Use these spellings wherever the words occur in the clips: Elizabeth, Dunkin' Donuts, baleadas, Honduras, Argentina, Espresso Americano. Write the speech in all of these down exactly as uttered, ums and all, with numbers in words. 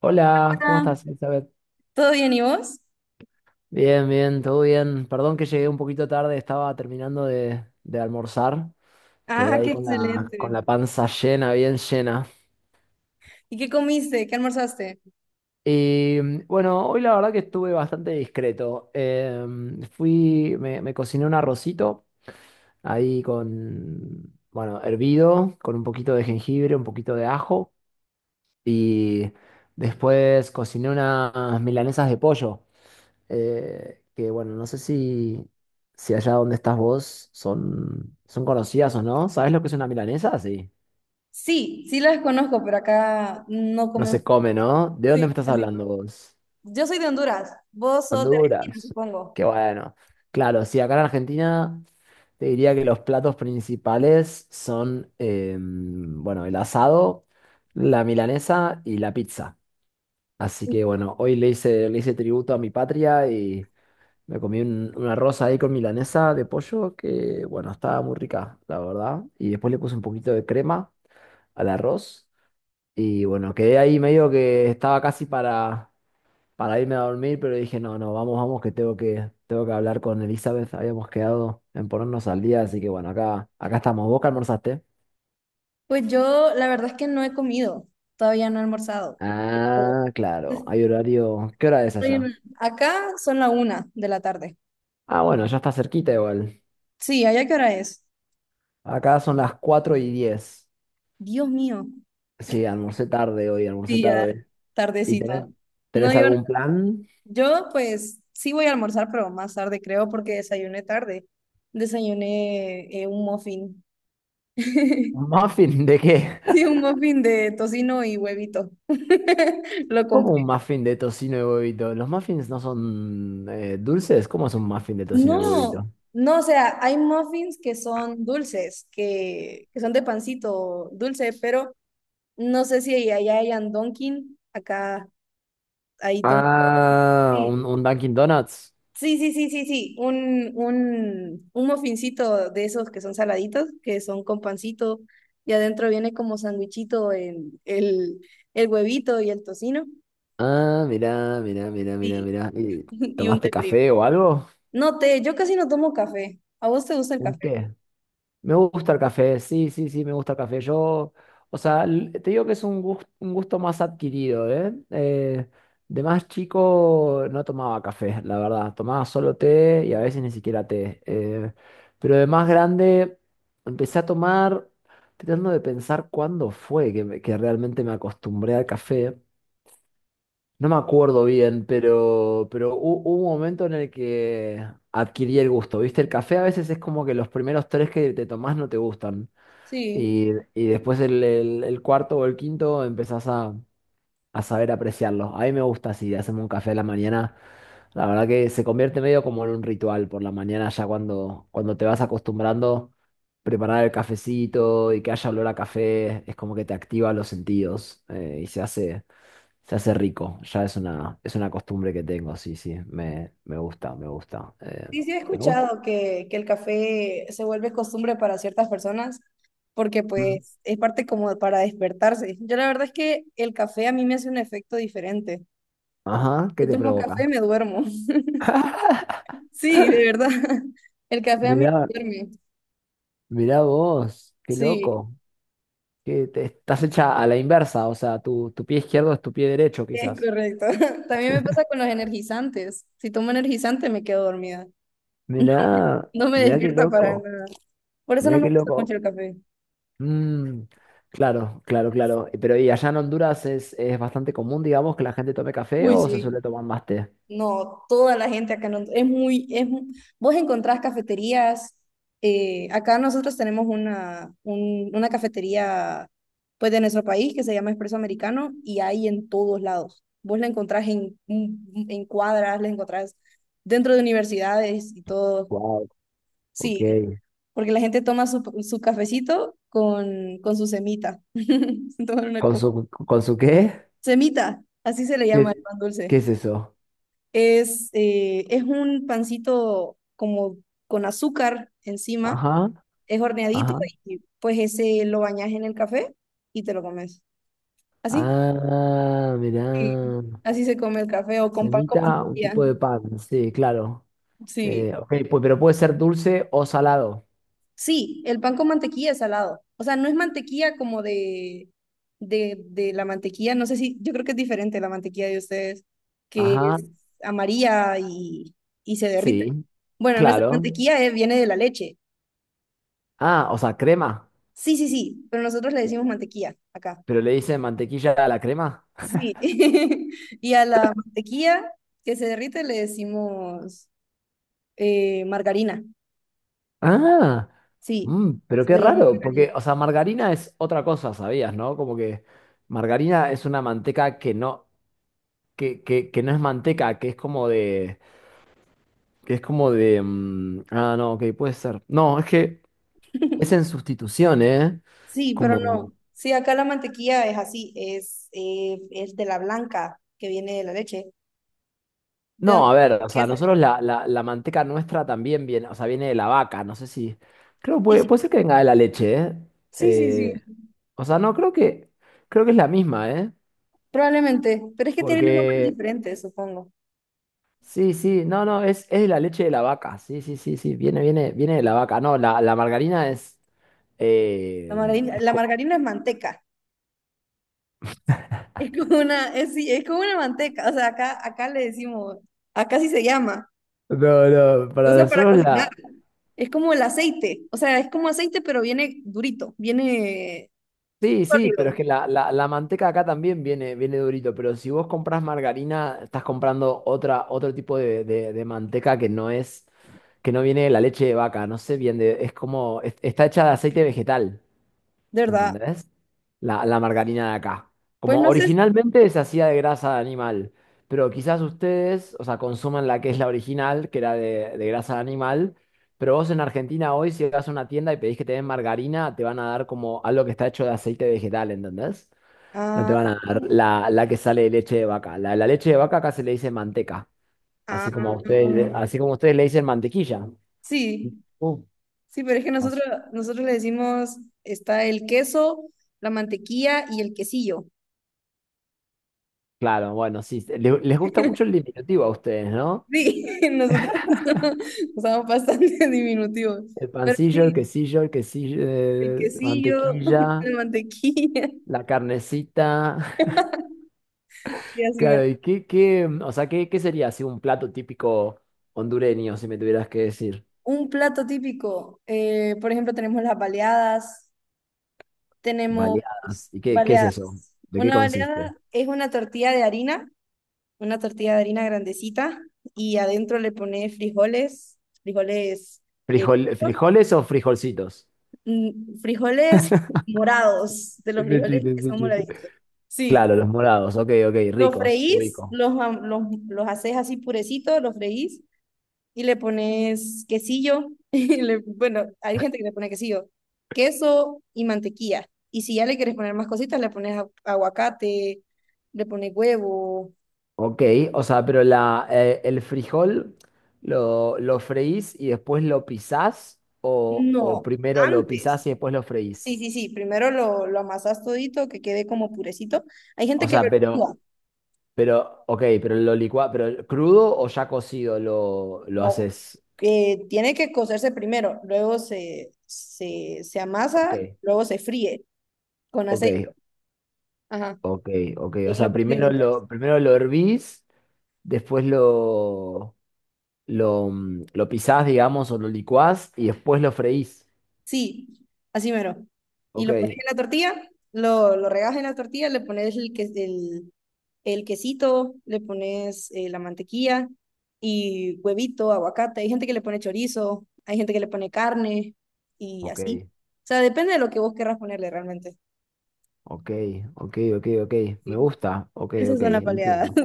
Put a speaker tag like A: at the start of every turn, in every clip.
A: Hola, ¿cómo
B: Ah,
A: estás, Elizabeth?
B: ¿todo bien y vos?
A: Bien, bien, todo bien. Perdón que llegué un poquito tarde, estaba terminando de, de almorzar. Quedé
B: Ah,
A: ahí
B: qué
A: con la, con
B: excelente.
A: la panza llena, bien llena.
B: ¿Y qué comiste? ¿Qué almorzaste?
A: Y mm, bueno, hoy la verdad que estuve bastante discreto. Em, fui, me, me cociné un arrocito ahí con, bueno, hervido, con un poquito de jengibre, un poquito de ajo. Y después cociné unas milanesas de pollo. Eh, que bueno, no sé si, si allá donde estás vos son, son conocidas o no. ¿Sabes lo que es una milanesa? Sí.
B: Sí, sí las conozco, pero acá no
A: No
B: comemos.
A: se come, ¿no? ¿De dónde
B: Sí,
A: me estás
B: casi no.
A: hablando vos?
B: Yo soy de Honduras, vos sos de Argentina,
A: Honduras.
B: supongo.
A: Qué bueno. Claro, sí, acá en Argentina te diría que los platos principales son, em, bueno, el asado, la milanesa y la pizza. Así que bueno, hoy le hice, le hice tributo a mi patria y me comí un- una rosa ahí con milanesa de pollo que, bueno, estaba muy rica, la verdad. Y después le puse un poquito de crema al arroz. Y bueno, quedé ahí medio que estaba casi para, para irme a dormir, pero dije, no, no, vamos, vamos, que tengo que, tengo que hablar con Elizabeth. Habíamos quedado en ponernos al día, así que bueno, acá, acá estamos. ¿Vos qué almorzaste?
B: Pues yo la verdad es que no he comido, todavía no he almorzado.
A: Ah, claro,
B: Estoy
A: hay horario. ¿Qué hora es allá?
B: en- acá son la una de la tarde.
A: Ah, bueno, ya está cerquita igual.
B: Sí, ¿allá qué hora es?
A: Acá son las cuatro y diez.
B: Dios mío.
A: Sí, almorcé tarde hoy, almorcé
B: Sí, ya,
A: tarde. ¿Y tenés,
B: tardecito. No,
A: tenés
B: yo no.
A: algún plan?
B: Yo pues sí voy a almorzar, pero más tarde creo porque desayuné tarde. Desayuné eh, un muffin.
A: ¿Un muffin de qué?
B: Sí, un muffin de tocino y huevito. Lo
A: ¿Cómo
B: compré.
A: un muffin de tocino y huevito? ¿Los muffins no son eh, dulces? ¿Cómo es un muffin de tocino y
B: No,
A: huevito?
B: no, o sea, hay muffins que son dulces, que, que son de pancito dulce, pero no sé si allá hayan Dunkin', acá hay Dunkin'.
A: Ah, un, un Dunkin' Donuts.
B: Sí, sí, sí, sí, sí. Un, un, un mofincito de esos que son saladitos, que son con pancito, y adentro viene como sandwichito en el, el huevito y el tocino.
A: Ah, mirá, mirá, mirá, mirá,
B: Sí,
A: mirá. ¿Y
B: y un
A: tomaste
B: té frío.
A: café o algo?
B: No té, yo casi no tomo café. ¿A vos te gusta el
A: Un
B: café?
A: té. Me gusta el café, sí, sí, sí, me gusta el café. Yo, o sea, l- te digo que es un gusto, un gusto más adquirido, ¿eh? Eh, de más chico no tomaba café, la verdad. Tomaba solo té y a veces ni siquiera té. Eh, pero de más grande empecé a tomar, tratando de pensar cuándo fue que, me- que realmente me acostumbré al café. No me acuerdo bien, pero, pero hu- hubo un momento en el que adquirí el gusto, ¿viste? El café a veces es como que los primeros tres que te tomás no te gustan.
B: Sí.
A: Y, y después el, el- el cuarto o el quinto empezás a, a saber apreciarlo. A mí me gusta así, hacerme un café a la mañana. La verdad que se convierte medio como en un ritual por la mañana, ya cuando, cuando te vas acostumbrando, preparar el cafecito y que haya olor a café, es como que te activa los sentidos eh, y se hace, se hace rico. Ya es una, es una costumbre que tengo, sí, sí, me, me gusta, me gusta. Eh,
B: Sí, sí he
A: me gusta.
B: escuchado que, que el café se vuelve costumbre para ciertas personas, porque pues es parte como para despertarse. Yo la verdad es que el café a mí me hace un efecto diferente.
A: Ajá, ¿qué
B: Yo
A: te
B: tomo café
A: provoca?
B: y me duermo. Sí, de verdad. El café a mí
A: Mirá.
B: me duerme.
A: Mirá vos, qué
B: Sí,
A: loco. Que te- estás hecha a la inversa, o sea, tu, tu pie izquierdo es tu pie derecho,
B: es
A: quizás.
B: correcto. También me pasa con los energizantes. Si tomo energizante me quedo dormida.
A: Mirá,
B: No me
A: mirá qué
B: despierta para
A: loco,
B: nada. Por eso no
A: mirá
B: me
A: qué
B: gusta mucho
A: loco.
B: el café.
A: Mm, claro, claro, claro. Eh, Pero ¿y allá en Honduras es, es bastante común, digamos, que la gente tome café
B: Uy,
A: o se
B: sí.
A: suele tomar más té?
B: No, toda la gente acá no, es muy, es, mu- vos encontrás cafeterías, eh, acá nosotros tenemos una, un- una cafetería pues de nuestro país que se llama Espresso Americano y hay en todos lados. Vos la encontrás en, en en cuadras, la encontrás dentro de universidades y todo.
A: Wow, ok.
B: Sí, porque la gente toma su, su cafecito con, con su semita. Se toman una
A: ¿Con
B: co-
A: su, con su qué?
B: semita, así se le llama el
A: ¿Qué,
B: pan dulce.
A: qué es eso?
B: Es, eh, es un pancito como con azúcar encima,
A: Ajá,
B: es horneadito
A: ajá.
B: y pues ese lo bañas en el café y te lo comes. Así,
A: Ah, mirá.
B: sí, así se come el café o con pan con
A: Semita, un
B: mantequilla.
A: tipo de pan, sí, claro.
B: Sí,
A: Eh, ok, pues, pero puede ser dulce o salado.
B: sí, el pan con mantequilla es salado. O sea, no es mantequilla como de, de, de la mantequilla, no sé si, yo creo que es diferente la mantequilla de ustedes, que
A: Ajá,
B: es amarilla y, y se derrite.
A: sí,
B: Bueno, nuestra
A: claro.
B: mantequilla eh, viene de la leche.
A: Ah, o sea, crema.
B: Sí, sí, sí, pero nosotros le decimos mantequilla acá.
A: Pero le dicen mantequilla a la crema.
B: Sí. Y a la mantequilla que se derrite le decimos eh, margarina.
A: Ah,
B: Sí,
A: mm, pero
B: se
A: qué
B: le llama
A: raro,
B: margarina.
A: porque, o sea, margarina es otra cosa, ¿sabías, no? Como que margarina es una manteca que no, que, que, que no es manteca, que es como de, que es como de, mm, ah, no, ok, puede ser. No, es que es en sustitución, ¿eh?
B: Sí, pero
A: Como,
B: no. Sí, acá la mantequilla es así, es, eh, es de la blanca que viene de la leche. ¿De dónde?
A: no, a ver, o
B: ¿Qué
A: sea,
B: es?
A: nosotros la, la, la manteca nuestra también viene, o sea, viene de la vaca, no sé si, creo, puede,
B: Sí,
A: puede ser que venga de la leche, ¿eh?
B: sí, sí, sí,
A: Eh, o sea, no, creo que, creo que es la misma, ¿eh?
B: probablemente. Pero es que tienen nombres
A: Porque,
B: diferentes, supongo.
A: sí, sí, no, no, es, es de la leche de la vaca, sí, sí, sí, sí, viene, viene, viene de la vaca, no, la, la margarina es,
B: La
A: eh,
B: margarina,
A: es
B: la
A: co-
B: margarina es manteca. Es como una, es, sí, es como una manteca, o sea, acá, acá le decimos, acá sí se llama,
A: no, no,
B: se
A: para
B: usa para
A: nosotros
B: cocinar,
A: la,
B: es como el aceite, o sea, es como aceite, pero viene durito, viene
A: sí, sí, pero es
B: sólido,
A: que la, la, la manteca acá también viene, viene durito, pero si vos compras margarina, estás comprando otra, otro tipo de, de- de manteca que no es, que no viene de la leche de vaca, no sé bien, de- es como, es- está hecha de aceite vegetal.
B: de verdad.
A: ¿Entendés? La, la margarina de acá.
B: Pues
A: Como
B: no sé, si-
A: originalmente se hacía de grasa de animal, pero quizás ustedes, o sea, consuman la que es la original, que era de, de grasa de animal, pero vos en Argentina hoy, si vas a una tienda y pedís que te den margarina, te van a dar como algo que está hecho de aceite vegetal, ¿entendés? No te
B: ah,
A: van a dar la, la que sale de leche de vaca. La, la leche de vaca acá se le dice manteca, así
B: ah,
A: como a ustedes, así como ustedes le dicen mantequilla.
B: sí,
A: Uh,
B: sí, pero es que nosotros,
A: as-
B: nosotros le decimos, está el queso, la mantequilla y el quesillo.
A: claro, bueno, sí, le- les gusta mucho el diminutivo a ustedes, ¿no?
B: Sí, nosotros usamos, usamos bastante diminutivos,
A: El
B: pero
A: pancillo, el
B: sí,
A: quesillo, el quesillo,
B: el
A: eh,
B: quesillo,
A: mantequilla,
B: la mantequilla.
A: la carnecita.
B: Sí, así
A: Claro,
B: me-
A: ¿y qué, qué, o sea, qué, qué sería así un plato típico hondureño, si me tuvieras que decir?
B: un plato típico, eh, por ejemplo, tenemos las baleadas, tenemos
A: Baleadas. ¿Y qué, qué es eso?
B: baleadas.
A: ¿De qué
B: Una
A: consiste?
B: baleada es una tortilla de harina, una tortilla de harina grandecita, y adentro le pones frijoles, frijoles, eh,
A: ¿Frijol, frijoles o frijolcitos?
B: mm, frijoles morados, de los
A: Es un
B: frijoles
A: chiste,
B: que
A: es un
B: son
A: chiste.
B: moraditos. Sí,
A: Claro, los morados, ok, ok,
B: los
A: ricos,
B: freís,
A: ubico.
B: los, am- los, los haces así purecitos, los freís, y le pones quesillo, y le- bueno, hay gente que le pone quesillo, queso y mantequilla. Y si ya le quieres poner más cositas, le pones a- aguacate, le pones huevo.
A: Ok, o sea, pero la, eh, el frijol lo, lo freís y después lo pisás o, o
B: No,
A: primero lo
B: antes.
A: pisás y después lo freís.
B: Sí, sí, sí, primero lo, lo amasas todito, que quede como purecito. Hay gente
A: O
B: que lo
A: sea,
B: licúa,
A: pero, pero, ok, pero lo licua, pero crudo o ya cocido lo, lo
B: no,
A: haces.
B: que tiene que cocerse primero, luego se, se, se
A: Ok,
B: amasa, luego se fríe con aceite.
A: ok,
B: Ajá.
A: ok, ok.
B: Y
A: O
B: ahí lo
A: sea, primero
B: condimentas.
A: lo, primero lo hervís, después lo, lo, mm, lo pisás, digamos, o lo licuás y después lo freís.
B: Sí, así mero. Y
A: Ok,
B: lo pones en la tortilla, lo, lo regas en la tortilla, le pones el, que- el, el quesito, le pones eh, la mantequilla y huevito, aguacate. Hay gente que le pone chorizo, hay gente que le pone carne y
A: ok,
B: así. O sea, depende de lo que vos querrás ponerle realmente.
A: ok, ok, ok, ok. Me
B: Sí,
A: gusta, ok,
B: esas
A: ok,
B: son las baleadas.
A: entiendo.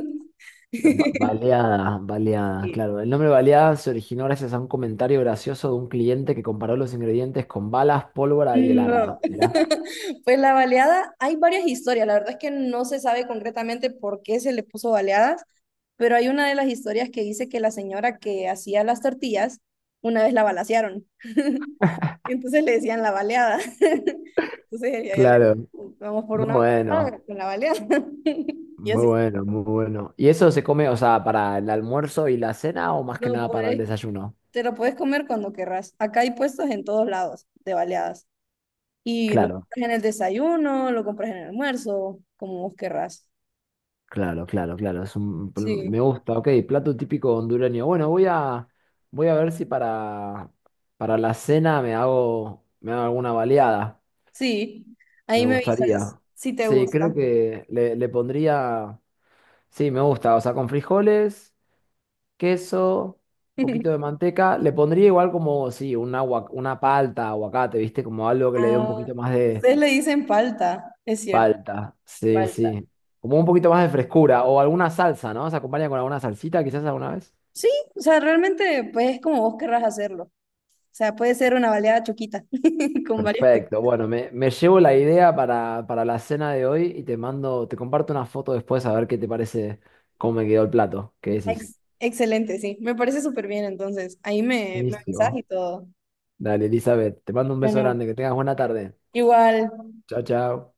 A: Ba- Baleada, baleada,
B: Sí.
A: claro. El nombre baleada se originó gracias a un comentario gracioso de un cliente que comparó los ingredientes con balas, pólvora y el
B: No.
A: arma. Mirá.
B: Pues la baleada, hay varias historias. La verdad es que no se sabe concretamente por qué se le puso baleadas. Pero hay una de las historias que dice que la señora que hacía las tortillas, una vez la balacearon. Y entonces le decían la baleada. Entonces ella ya le,
A: Claro,
B: vamos por
A: muy
B: una baleada
A: bueno,
B: con la baleada. Y
A: muy
B: así,
A: bueno, muy bueno. ¿Y eso se come, o sea, para el almuerzo y la cena o más que
B: no
A: nada para el
B: puedes,
A: desayuno?
B: te lo puedes comer cuando querrás. Acá hay puestos en todos lados de baleadas. Y lo
A: Claro,
B: compras en el desayuno, lo compras en el almuerzo, como vos querrás.
A: claro, claro, claro. Es un, pl- me
B: Sí,
A: gusta, ok, plato típico hondureño. Bueno, voy a, voy a ver si para, para la cena me hago, me hago alguna baleada.
B: sí.
A: Me
B: Ahí me avisas
A: gustaría.
B: si te
A: Sí, creo
B: gusta.
A: que le, le pondría. Sí, me gusta. O sea, con frijoles, queso, un poquito de manteca. Le pondría igual como, sí, una, una palta, aguacate, ¿viste? Como algo que le dé un
B: Ah,
A: poquito más de
B: ustedes le dicen palta, es cierto.
A: palta. Sí,
B: Falta.
A: sí. Como un poquito más de frescura. O alguna salsa, ¿no? Se acompaña con alguna salsita, quizás alguna vez.
B: Sí, o sea, realmente pues es como vos querrás hacerlo. O sea, puede ser una baleada choquita con varias cosas.
A: Perfecto. Bueno, me, me llevo la idea para, para la cena de hoy y te mando, te comparto una foto después a ver qué te parece cómo me quedó el plato. ¿Qué decís?
B: Ex- excelente, sí. Me parece súper bien, entonces. Ahí me, me avisas
A: Buenísimo.
B: y todo.
A: Dale, Elizabeth, te mando un beso
B: Bueno,
A: grande, que tengas buena tarde.
B: igual,
A: Chao, chao.